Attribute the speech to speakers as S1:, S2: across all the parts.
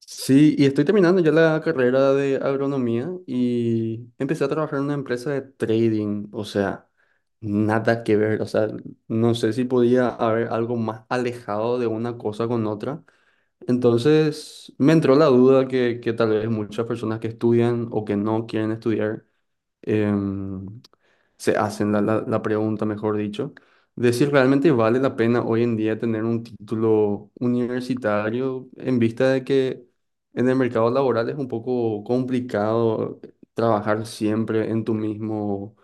S1: Sí, y estoy terminando ya la carrera de agronomía y empecé a trabajar en una empresa de trading, o sea, nada que ver, o sea, no sé si podía haber algo más alejado de una cosa con otra. Entonces me entró la duda que tal vez muchas personas que estudian o que no quieren estudiar em, se hacen la pregunta, mejor dicho, de si realmente vale la pena hoy en día tener un título universitario en vista de que en el mercado laboral es un poco complicado trabajar siempre en tu mismo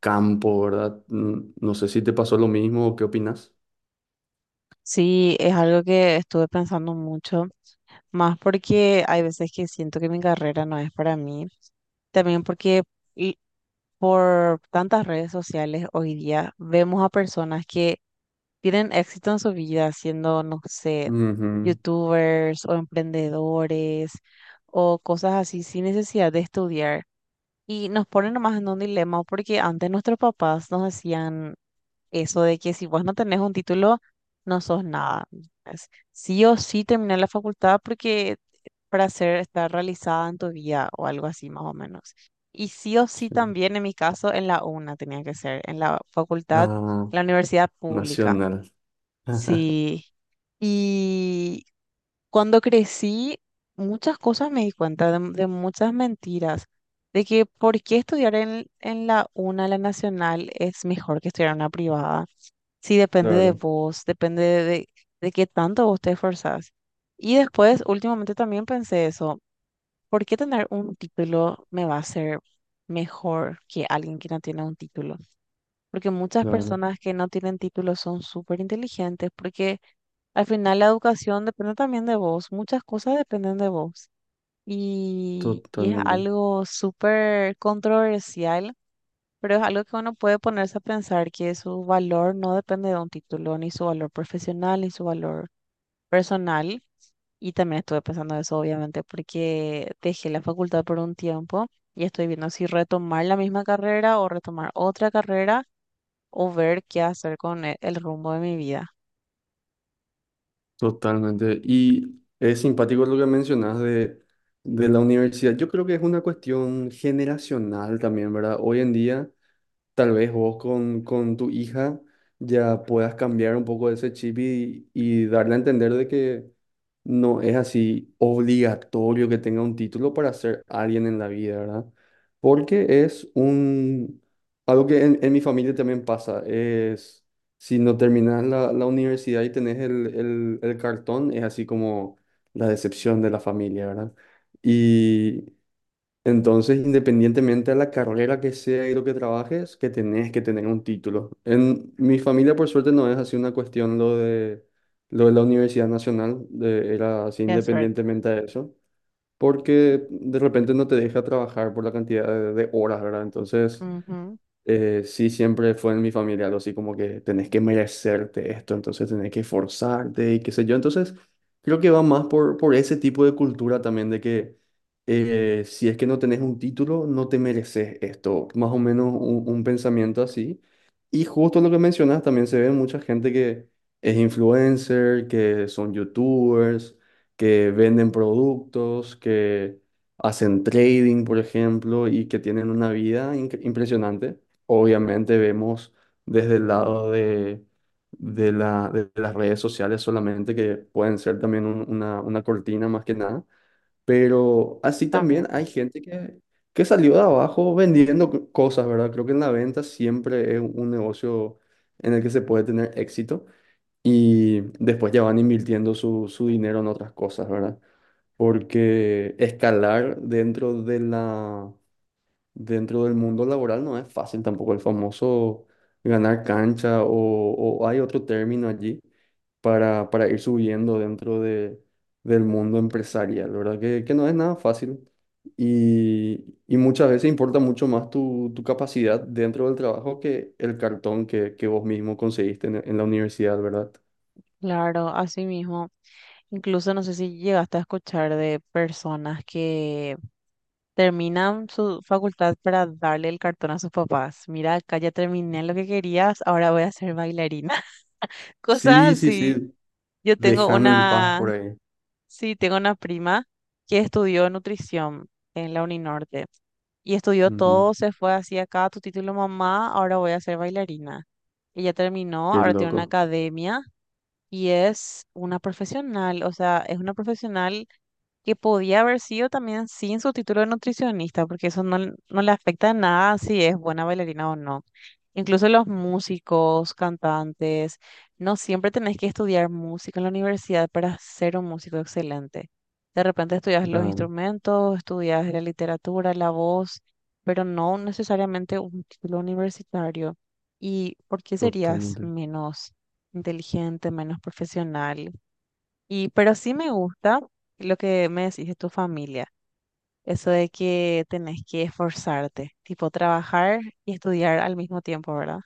S1: campo, ¿verdad? No sé si te pasó lo mismo o qué opinas.
S2: Sí, es algo que estuve pensando mucho, más porque hay veces que siento que mi carrera no es para mí, también porque y por tantas redes sociales hoy día vemos a personas que tienen éxito en su vida siendo, no sé,
S1: Ujú,
S2: youtubers o emprendedores o cosas así sin necesidad de estudiar. Y nos ponen nomás en un dilema porque antes nuestros papás nos decían, eso de que si vos no tenés un título, no sos nada. Es sí o sí terminar la facultad porque para ser, estar realizada en tu vida o algo así más o menos. Y sí o sí
S1: sí.
S2: también en mi caso en la UNA tenía que ser, en la facultad,
S1: Ah,
S2: la universidad pública.
S1: nacional.
S2: Sí. Y cuando crecí, muchas cosas me di cuenta de muchas mentiras, de que por qué estudiar en la UNA, la nacional, es mejor que estudiar en una privada. Sí, depende de
S1: Claro,
S2: vos, depende de qué tanto vos te esforzás. Y después, últimamente también pensé eso, ¿por qué tener un título me va a ser mejor que alguien que no tiene un título? Porque muchas
S1: claro,
S2: personas que no tienen título son súper inteligentes, porque al final la educación depende también de vos, muchas cosas dependen de vos. Y es
S1: totalmente.
S2: algo súper controversial, pero es algo que uno puede ponerse a pensar que su valor no depende de un título, ni su valor profesional, ni su valor personal. Y también estuve pensando eso, obviamente, porque dejé la facultad por un tiempo y estoy viendo si retomar la misma carrera o retomar otra carrera o ver qué hacer con el rumbo de mi vida.
S1: Totalmente. Y es simpático lo que mencionas de la universidad. Yo creo que es una cuestión generacional también, ¿verdad? Hoy en día tal vez vos con tu hija ya puedas cambiar un poco ese chip y darle a entender de que no es así obligatorio que tenga un título para ser alguien en la vida, ¿verdad? Porque es un... Algo que en mi familia también pasa, es si no terminas la universidad y tenés el cartón, es así como la decepción de la familia, ¿verdad? Y entonces, independientemente de la carrera que sea y lo que trabajes, que tenés que tener un título. En mi familia, por suerte, no es así una cuestión lo de la Universidad Nacional, era así
S2: Qué suerte.
S1: independientemente de eso, porque de repente no te deja trabajar por la cantidad de horas, ¿verdad? Entonces,
S2: Ujú.
S1: sí, siempre fue en mi familia algo así como que tenés que merecerte esto, entonces tenés que esforzarte y qué sé yo. Entonces, creo que va más por ese tipo de cultura también de que si es que no tenés un título, no te mereces esto. Más o menos un pensamiento así. Y justo lo que mencionas, también se ve mucha gente que es influencer, que son youtubers, que venden productos, que hacen trading, por ejemplo, y que tienen una vida impresionante. Obviamente vemos desde el lado de, de las redes sociales solamente que pueden ser también una cortina más que nada, pero así
S2: También.
S1: también hay gente que salió de abajo vendiendo cosas, ¿verdad? Creo que en la venta siempre es un negocio en el que se puede tener éxito y después ya van invirtiendo su, su dinero en otras cosas, ¿verdad? Porque escalar dentro de la dentro del mundo laboral no es fácil tampoco el famoso ganar cancha o hay otro término allí para ir subiendo dentro de, del mundo empresarial, ¿verdad? Que no es nada fácil y muchas veces importa mucho más tu, tu capacidad dentro del trabajo que el cartón que vos mismo conseguiste en la universidad, ¿verdad?
S2: Claro, así mismo. Incluso no sé si llegaste a escuchar de personas que terminan su facultad para darle el cartón a sus papás. Mira, acá ya terminé lo que querías, ahora voy a ser bailarina. Cosas
S1: Sí, sí,
S2: así.
S1: sí,
S2: Yo tengo
S1: déjame en paz
S2: una,
S1: por ahí.
S2: sí, tengo una prima que estudió nutrición en la Uninorte y estudió
S1: Ujú.
S2: todo, se fue así acá, tu título mamá, ahora voy a ser bailarina. Ella terminó,
S1: Qué
S2: ahora tiene una
S1: loco.
S2: academia y es una profesional, o sea, es una profesional que podía haber sido también sin su título de nutricionista, porque eso no, no le afecta en nada si es buena bailarina o no. Incluso los músicos, cantantes, no siempre tenés que estudiar música en la universidad para ser un músico excelente. De repente estudias los
S1: Claro,
S2: instrumentos, estudias la literatura, la voz, pero no necesariamente un título universitario. ¿Y por qué serías
S1: totalmente.
S2: menos inteligente, menos profesional? Y, pero sí me gusta lo que me decís de tu familia, eso de que tenés que esforzarte, tipo trabajar y estudiar al mismo tiempo, ¿verdad?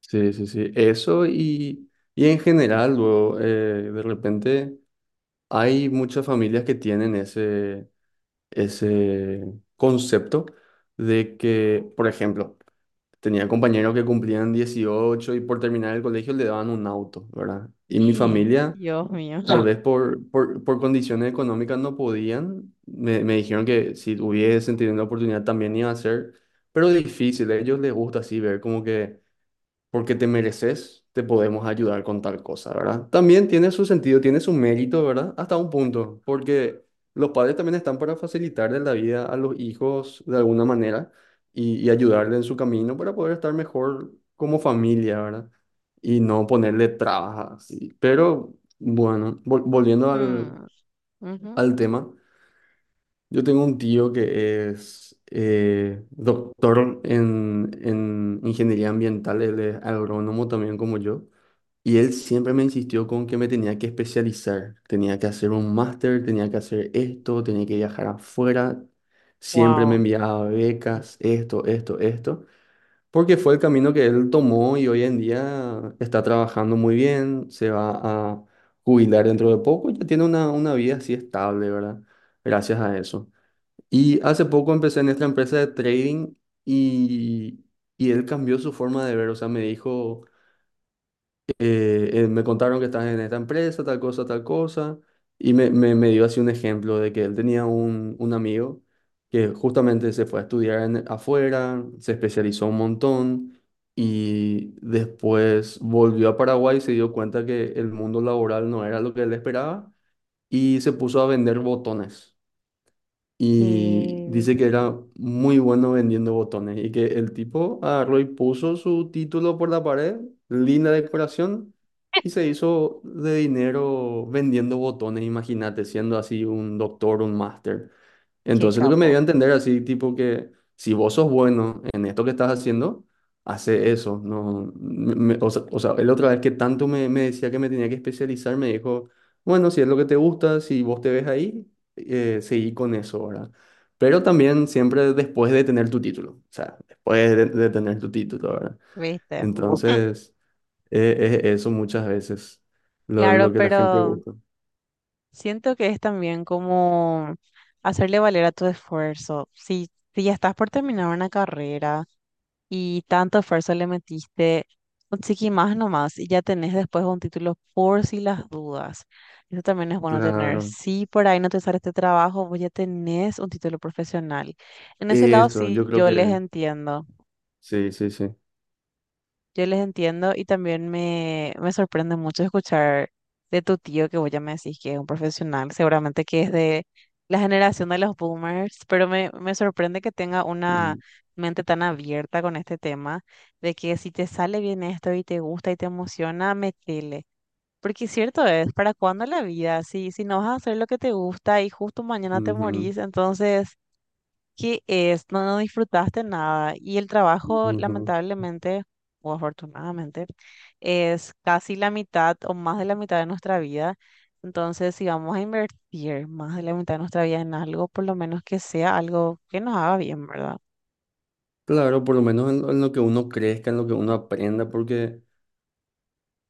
S1: Sí, sí, sí. Eso y en general, luego, de repente hay muchas familias que tienen ese, ese concepto de que, por ejemplo, tenía compañeros que cumplían 18 y por terminar el colegio le daban un auto, ¿verdad? Y mi
S2: Sí.
S1: familia,
S2: Dios mío.
S1: tal vez por condiciones económicas no podían, me dijeron que si hubiesen tenido la oportunidad también iba a ser, pero difícil, a ellos les gusta así ver como que porque te mereces, te podemos ayudar con tal cosa, ¿verdad? También tiene su sentido, tiene su mérito, ¿verdad? Hasta un punto, porque los padres también están para facilitarle la vida a los hijos de alguna manera y ayudarle en su camino para poder estar mejor como familia, ¿verdad? Y no ponerle trabas así. Pero bueno, volviendo al, al tema, yo tengo un tío que es... doctor en ingeniería ambiental, él es agrónomo también como yo. Y él siempre me insistió con que me tenía que especializar, tenía que hacer un máster, tenía que hacer esto, tenía que viajar afuera. Siempre me
S2: Wow.
S1: enviaba becas, esto, porque fue el camino que él tomó y hoy en día está trabajando muy bien, se va a jubilar dentro de poco, ya tiene una vida así estable, ¿verdad? Gracias a eso. Y hace poco empecé en esta empresa de trading y, y él cambió su forma de ver, o sea, me dijo me contaron que estás en esta empresa, tal cosa, y me dio así un ejemplo de que él tenía un amigo que justamente se fue a estudiar afuera, se especializó un montón y después volvió a Paraguay y se dio cuenta que el mundo laboral no era lo que él esperaba y se puso a vender botones. Y
S2: qué,
S1: dice que era muy bueno vendiendo botones y que el tipo agarró y puso su título por la pared, linda decoración, y se hizo de dinero vendiendo botones, imagínate, siendo así un doctor, un máster.
S2: ¿Qué
S1: Entonces lo que me dio
S2: capo,
S1: a entender así, tipo que si vos sos bueno en esto que estás haciendo, hace eso. No, o sea, él otra vez que tanto me, me decía que me tenía que especializar, me dijo, bueno, si es lo que te gusta, si vos te ves ahí seguí con eso, ¿verdad? Pero también siempre después de tener tu título, o sea, después de tener tu título, ¿verdad?
S2: ¿viste?
S1: Entonces, es eso muchas veces,
S2: Claro,
S1: lo que la gente
S2: pero
S1: busca.
S2: siento que es también como hacerle valer a tu esfuerzo. Si, si ya estás por terminar una carrera y tanto esfuerzo le metiste, conseguí más nomás y ya tenés después un título por si las dudas. Eso también es bueno tener.
S1: Claro,
S2: Si por ahí no te sale este trabajo, vos ya tenés un título profesional. En ese lado
S1: eso,
S2: sí,
S1: yo creo
S2: yo les
S1: que
S2: entiendo.
S1: sí, sí, sí.
S2: Yo les entiendo y también me sorprende mucho escuchar de tu tío que vos ya me decís que es un profesional, seguramente que es de la generación de los boomers, pero me sorprende que tenga una
S1: Mm,
S2: mente tan abierta con este tema, de que si te sale bien esto y te gusta y te emociona, metele. Porque cierto es, ¿para cuándo la vida? Si no vas a hacer lo que te gusta y justo mañana te
S1: ujú,
S2: morís, entonces no, disfrutaste nada. Y el trabajo,
S1: ujú.
S2: lamentablemente, o afortunadamente, es casi la mitad o más de la mitad de nuestra vida. Entonces, si vamos a invertir más de la mitad de nuestra vida en algo, por lo menos que sea algo que nos haga bien, ¿verdad?
S1: Claro, por lo menos en lo que uno crezca, en lo que uno aprenda, porque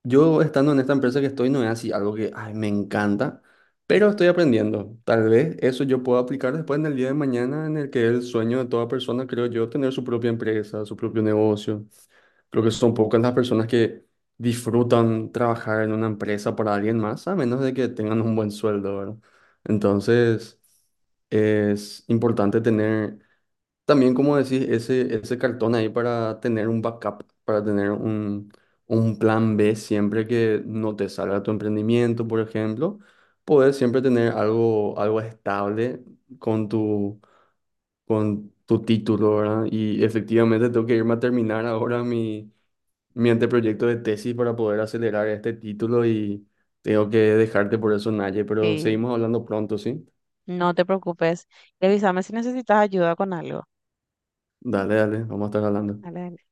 S1: yo estando en esta empresa que estoy no es así algo que ay, me encanta, pero estoy aprendiendo. Tal vez eso yo pueda aplicar después en el día de mañana, en el que es el sueño de toda persona, creo yo, tener su propia empresa, su propio negocio. Creo que son pocas las personas que disfrutan trabajar en una empresa para alguien más, a menos de que tengan un buen sueldo, ¿verdad? Entonces, es importante tener también, como decís, ese cartón ahí para tener un backup, para tener un plan B siempre que no te salga tu emprendimiento, por ejemplo, poder siempre tener algo, algo estable con tu, con tu título, ¿verdad? Y efectivamente tengo que irme a terminar ahora mi, mi anteproyecto de tesis para poder acelerar este título y tengo que dejarte por eso, Naye, pero
S2: Sí,
S1: seguimos hablando pronto, ¿sí?
S2: no te preocupes. Y avísame si necesitas ayuda con algo.
S1: Dale, dale, vamos a estar hablando.
S2: Dale.